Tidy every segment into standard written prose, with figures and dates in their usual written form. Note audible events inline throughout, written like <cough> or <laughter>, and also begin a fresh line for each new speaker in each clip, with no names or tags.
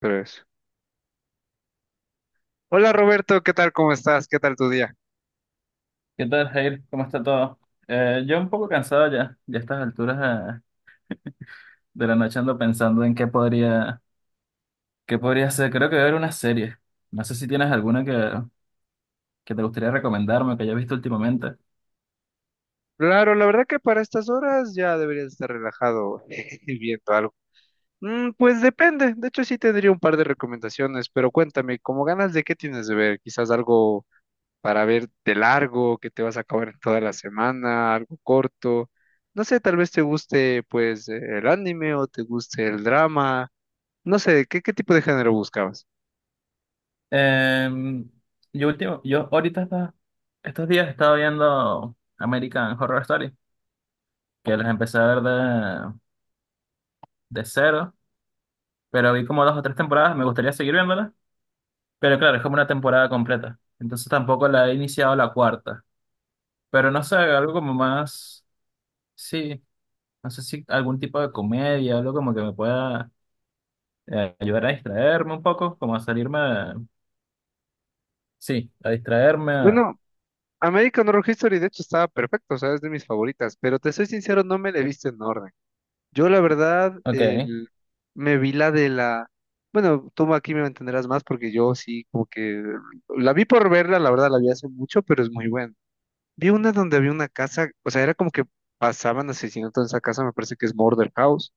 Tres. Hola Roberto, ¿qué tal? ¿Cómo estás? ¿Qué tal tu día?
¿Qué tal, Jair? ¿Cómo está todo? Yo un poco cansado ya a estas alturas eh, de la noche ando pensando en qué podría hacer. Creo que voy a ver una serie. No sé si tienes alguna que te gustaría recomendarme o que hayas visto últimamente.
Claro, la verdad que para estas horas ya deberías estar relajado <laughs> y viendo algo. Pues depende, de hecho sí tendría un par de recomendaciones, pero cuéntame, ¿cómo ganas de qué tienes de ver? Quizás algo para ver de largo, que te vas a acabar en toda la semana, algo corto. No sé, tal vez te guste pues el anime o te guste el drama. No sé, ¿qué tipo de género buscabas?
Eh, yo ahorita estos días he estado viendo American Horror Story, que las empecé a ver de cero, pero vi como dos o tres temporadas, me gustaría seguir viéndolas, pero claro, es como una temporada completa. Entonces tampoco la he iniciado la cuarta. Pero no sé, algo como más. Sí, no sé si algún tipo de comedia, algo como que me pueda ayudar a distraerme un poco, como a sí, a distraerme.
Bueno, American Horror History, de hecho, estaba perfecto, o sea, es de mis favoritas, pero te soy sincero, no me la he visto en orden. Yo, la verdad,
Ok.
me vi la de la... Bueno, tú aquí me entenderás más porque yo sí, como que la vi por verla, la verdad, la vi hace mucho, pero es muy buena. Vi una donde había una casa, o sea, era como que pasaban asesinatos en esa casa, me parece que es Murder House.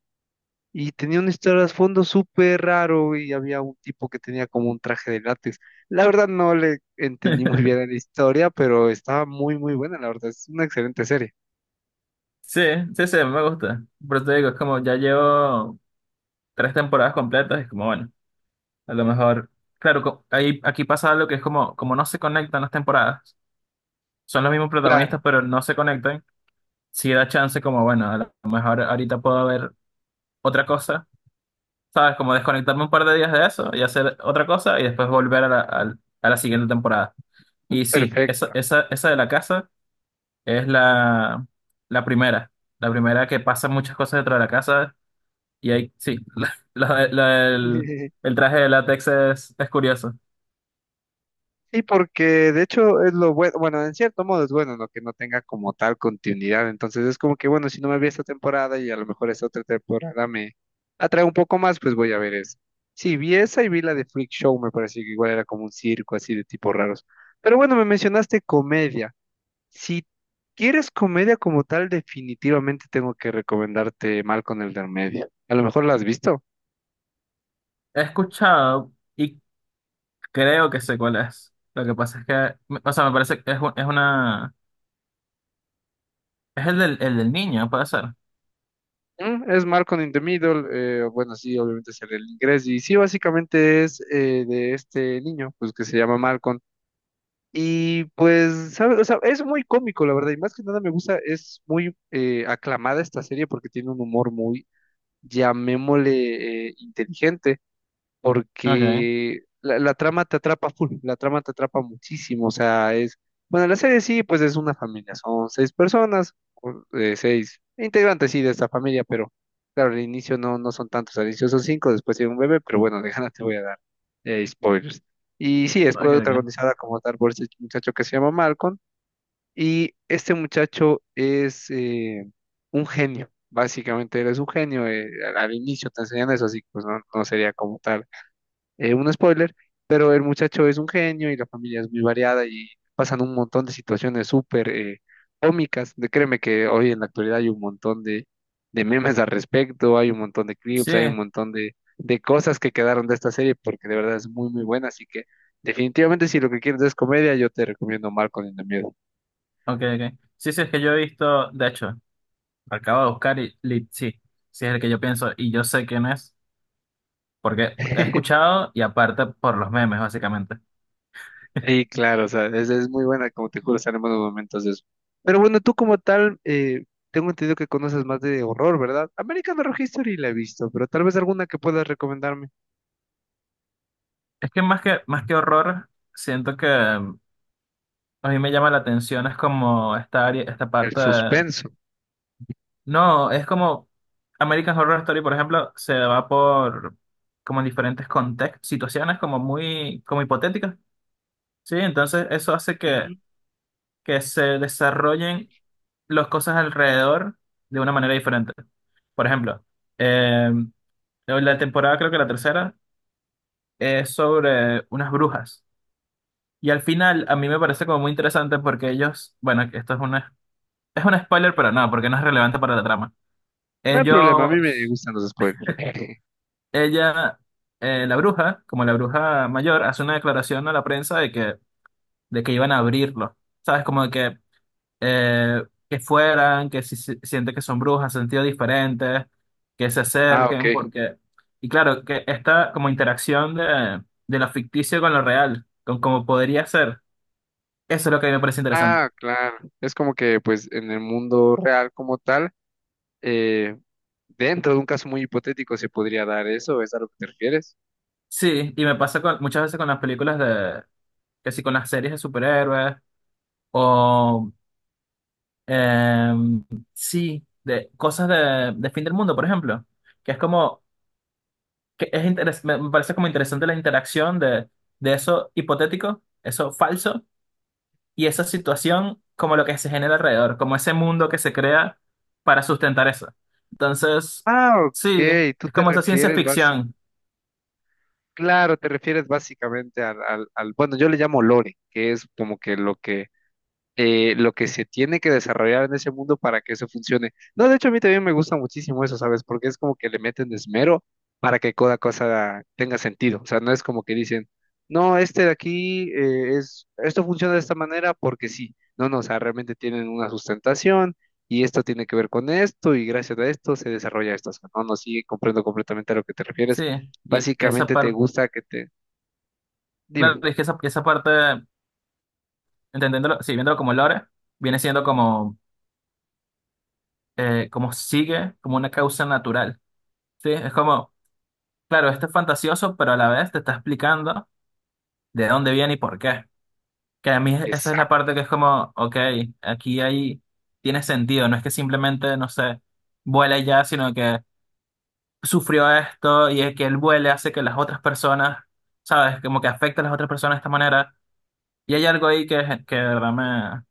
Y tenía un trasfondo súper raro y había un tipo que tenía como un traje de látex. La verdad no le entendí muy
<laughs>
bien la historia, pero estaba muy buena, la verdad. Es una excelente serie.
Sí, sí, me gusta. Pero te digo, es como ya llevo tres temporadas completas, es como bueno, a lo mejor. Claro, ahí, aquí pasa algo que es como, como no se conectan las temporadas, son los mismos protagonistas,
Claro,
pero no se conectan. Sí da chance, como bueno, a lo mejor ahorita puedo ver otra cosa, ¿sabes? Como desconectarme un par de días de eso y hacer otra cosa y después volver a a la siguiente temporada. Y sí,
perfecto.
esa de la casa es la primera. La primera que pasa muchas cosas dentro de la casa y ahí, sí, <laughs> la- la- la- el,
<laughs>
el traje de látex es curioso.
Sí, porque de hecho es lo bueno, bueno, en cierto modo es bueno, ¿no? Que no tenga como tal continuidad. Entonces es como que, bueno, si no me vi esta temporada y a lo mejor esta otra temporada me atrae un poco más, pues voy a ver eso. Sí, vi esa y vi la de Freak Show, me pareció que igual era como un circo así de tipos raros. Pero bueno, me mencionaste comedia. Si quieres comedia como tal, definitivamente tengo que recomendarte Malcolm el del medio. A lo mejor la has visto.
He escuchado y creo que sé cuál es. Lo que pasa es que, o sea, me parece que es, es una... Es el el del niño, puede ser.
Es Malcolm in the Middle, bueno, sí, obviamente es el inglés, y sí, básicamente es de este niño, pues que se llama Malcolm, y pues, ¿sabes? O sea, es muy cómico, la verdad, y más que nada me gusta, es muy aclamada esta serie porque tiene un humor muy, llamémosle, inteligente,
Ok,
porque la trama te atrapa <laughs> full, la trama te atrapa muchísimo, o sea, es, bueno, la serie sí, pues es una familia, son seis personas, o, seis integrantes sí de esta familia, pero claro, al inicio no, no son tantos, al inicio son cinco, después tiene un bebé, pero bueno, de ganas te voy a dar spoilers. Y sí, es
ok.
protagonizada como tal por este muchacho que se llama Malcolm, y este muchacho es un genio. Básicamente, él es un genio, al inicio te enseñan eso, así que pues no, no sería como tal un spoiler, pero el muchacho es un genio y la familia es muy variada y pasan un montón de situaciones súper cómicas. De, créeme que hoy en la actualidad hay un montón de memes al respecto, hay un montón de
Sí,
clips, hay un montón de cosas que quedaron de esta serie porque de verdad es muy buena. Así que definitivamente si lo que quieres es comedia, yo te recomiendo Marco en el miedo.
ok. Sí, sí, es que yo he visto, de hecho, acabo de buscar y, sí, sí es el que yo pienso y yo sé quién es, porque he
<laughs>
escuchado y aparte por los memes, básicamente.
Y claro, o sea, es muy buena, como te juro, salen buenos momentos de eso. Pero bueno, tú como tal, tengo entendido que conoces más de horror, ¿verdad? American Horror History la he visto, pero tal vez alguna que puedas recomendarme.
Es que más que horror, siento que a mí me llama la atención, es como esta área, esta
El
parte.
suspenso.
No, es como American Horror Story, por ejemplo, se va por como en diferentes contextos, situaciones como muy, como hipotéticas, ¿sí? Entonces eso hace
Mm,
que se desarrollen las cosas alrededor de una manera diferente. Por ejemplo, eh, la temporada, creo que la tercera, es sobre unas brujas. Y al final, a mí me parece como muy interesante porque ellos, bueno, esto es una, es un spoiler, pero no, porque no es relevante para la trama.
No hay problema, a mí me
Ellos,
gustan los spoilers. <laughs>
ella, la bruja, como la bruja mayor, hace una declaración a la prensa de que iban a abrirlo. ¿Sabes? Como de eh, que fueran, que siente que son brujas, sentido diferentes, que se
Ah, ok.
acerquen, porque, y claro, que esta como interacción de lo ficticio con lo real, con cómo podría ser, eso es lo que a mí me parece interesante.
Ah, claro. Es como que, pues, en el mundo real como tal, eh, dentro de un caso muy hipotético se podría dar eso, ¿es a lo que te refieres?
Sí, y me pasa muchas veces con las películas de, que sí, con las series de superhéroes, o, em, sí, de cosas de fin del mundo, por ejemplo, que es como... que me parece como interesante la interacción de eso hipotético, eso falso, y esa situación como lo que se genera alrededor, como ese mundo que se crea para sustentar eso. Entonces,
Ah,
sí,
ok. Tú
es
te
como esa ciencia
refieres, básicamente.
ficción,
Claro, te refieres básicamente bueno, yo le llamo lore, que es como que lo que lo que se tiene que desarrollar en ese mundo para que eso funcione. No, de hecho a mí también me gusta muchísimo eso, ¿sabes? Porque es como que le meten esmero para que cada cosa tenga sentido. O sea, no es como que dicen, no, este de aquí es, esto funciona de esta manera porque sí. No, no, o sea, realmente tienen una sustentación y esto tiene que ver con esto y gracias a esto se desarrolla esto. O sea, no, no, sí, comprendo completamente a lo que te refieres.
sí, y esa
Básicamente te
parte,
gusta que te...
claro,
Dime.
es que esa parte, entendiéndolo, sí, viéndolo como lore, viene siendo como, como sigue, como una causa natural, sí, es como, claro, esto es fantasioso, pero a la vez te está explicando de dónde viene y por qué. Que a mí esa es la parte que es como, ok, aquí hay, tiene sentido, no es que simplemente, no sé, vuele ya, sino que sufrió esto y es que él vuele hace que las otras personas, ¿sabes? Como que afecta a las otras personas de esta manera. Y hay algo ahí que de verdad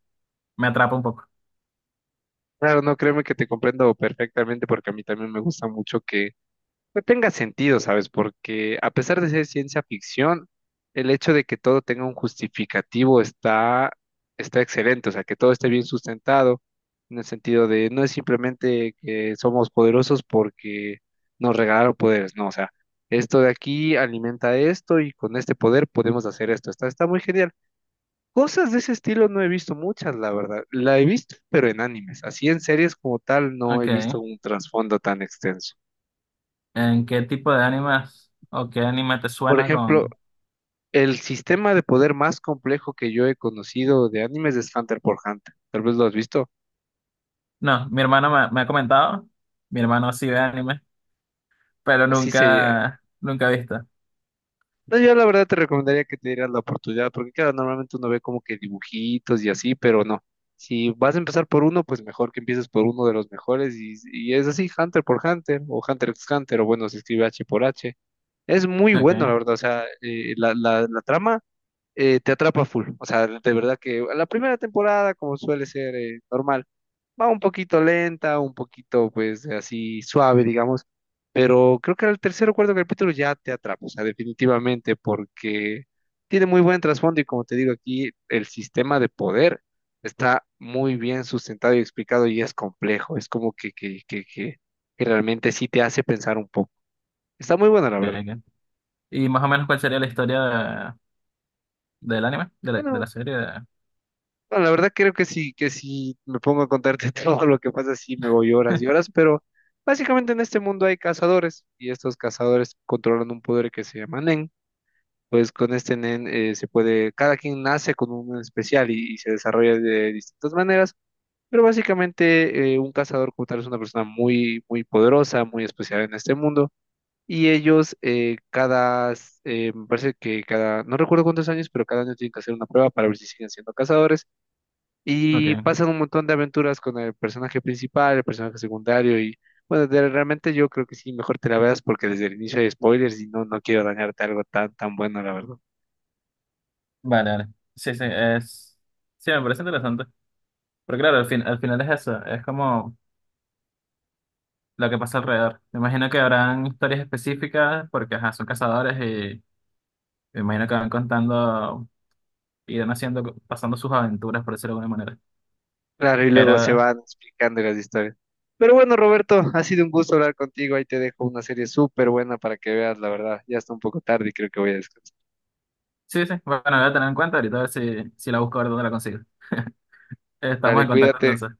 me atrapa un poco.
Claro, no, créeme que te comprendo perfectamente porque a mí también me gusta mucho que pues, tenga sentido, ¿sabes? Porque a pesar de ser ciencia ficción, el hecho de que todo tenga un justificativo está, está excelente, o sea, que todo esté bien sustentado en el sentido de no es simplemente que somos poderosos porque nos regalaron poderes, no, o sea, esto de aquí alimenta esto y con este poder podemos hacer esto, está, está muy genial. Cosas de ese estilo no he visto muchas, la verdad. La he visto, pero en animes. Así en series como tal no he
Ok,
visto un trasfondo tan extenso.
¿en qué tipo de animes o qué anime te
Por
suena
ejemplo,
con...?
el sistema de poder más complejo que yo he conocido de animes es Hunter por Hunter. Tal vez lo has visto.
No, mi hermano me ha comentado, mi hermano sí ve anime, pero
Así sería.
nunca ha visto.
No, yo la verdad te recomendaría que te dieras la oportunidad, porque claro, normalmente uno ve como que dibujitos y así, pero no. Si vas a empezar por uno, pues mejor que empieces por uno de los mejores y es así, Hunter por Hunter o Hunter x Hunter o bueno, se escribe H por H. Es muy
Ok,
bueno, la
ok,
verdad. O sea, la trama te atrapa full. O sea, de verdad que la primera temporada, como suele ser normal, va un poquito lenta, un poquito, pues, así suave, digamos. Pero creo que al tercer o cuarto capítulo ya te atrapa. O sea, definitivamente, porque tiene muy buen trasfondo y como te digo aquí, el sistema de poder está muy bien sustentado y explicado y es complejo. Es como que realmente sí te hace pensar un poco. Está muy bueno la verdad.
ok. Y más o menos cuál sería la historia ¿del anime? ¿De de la
Bueno,
serie?
Bueno, la verdad creo que sí, que si me pongo a contarte <laughs> todo lo que pasa, sí me voy horas y horas,
<laughs>
pero básicamente en este mundo hay cazadores y estos cazadores controlan un poder que se llama Nen. Pues con este Nen se puede, cada quien nace con un Nen especial y se desarrolla de distintas maneras, pero básicamente un cazador como tal es una persona muy poderosa, muy especial en este mundo. Y ellos eh, me parece que cada, no recuerdo cuántos años, pero cada año tienen que hacer una prueba para ver si siguen siendo cazadores y
Ok,
pasan un montón de aventuras con el personaje principal, el personaje secundario y bueno, realmente yo creo que sí, mejor te la veas porque desde el inicio hay spoilers y no, no quiero dañarte algo tan, tan bueno, la verdad.
vale. Sí, sí, es... Sí, me parece interesante. Pero claro, al final es eso, es como lo que pasa alrededor. Me imagino que habrán historias específicas porque, ajá, son cazadores y me imagino que van contando, irán haciendo, pasando sus aventuras, por decirlo de alguna manera.
Claro, y luego se
Pero
van explicando las historias. Pero bueno, Roberto, ha sido un gusto hablar contigo. Ahí te dejo una serie súper buena para que veas, la verdad. Ya está un poco tarde y creo que voy a descansar.
sí, sí, bueno, la voy a tener en cuenta ahorita a ver si la busco a ver dónde la consigo. Estamos
Dale,
en contacto
cuídate.
entonces.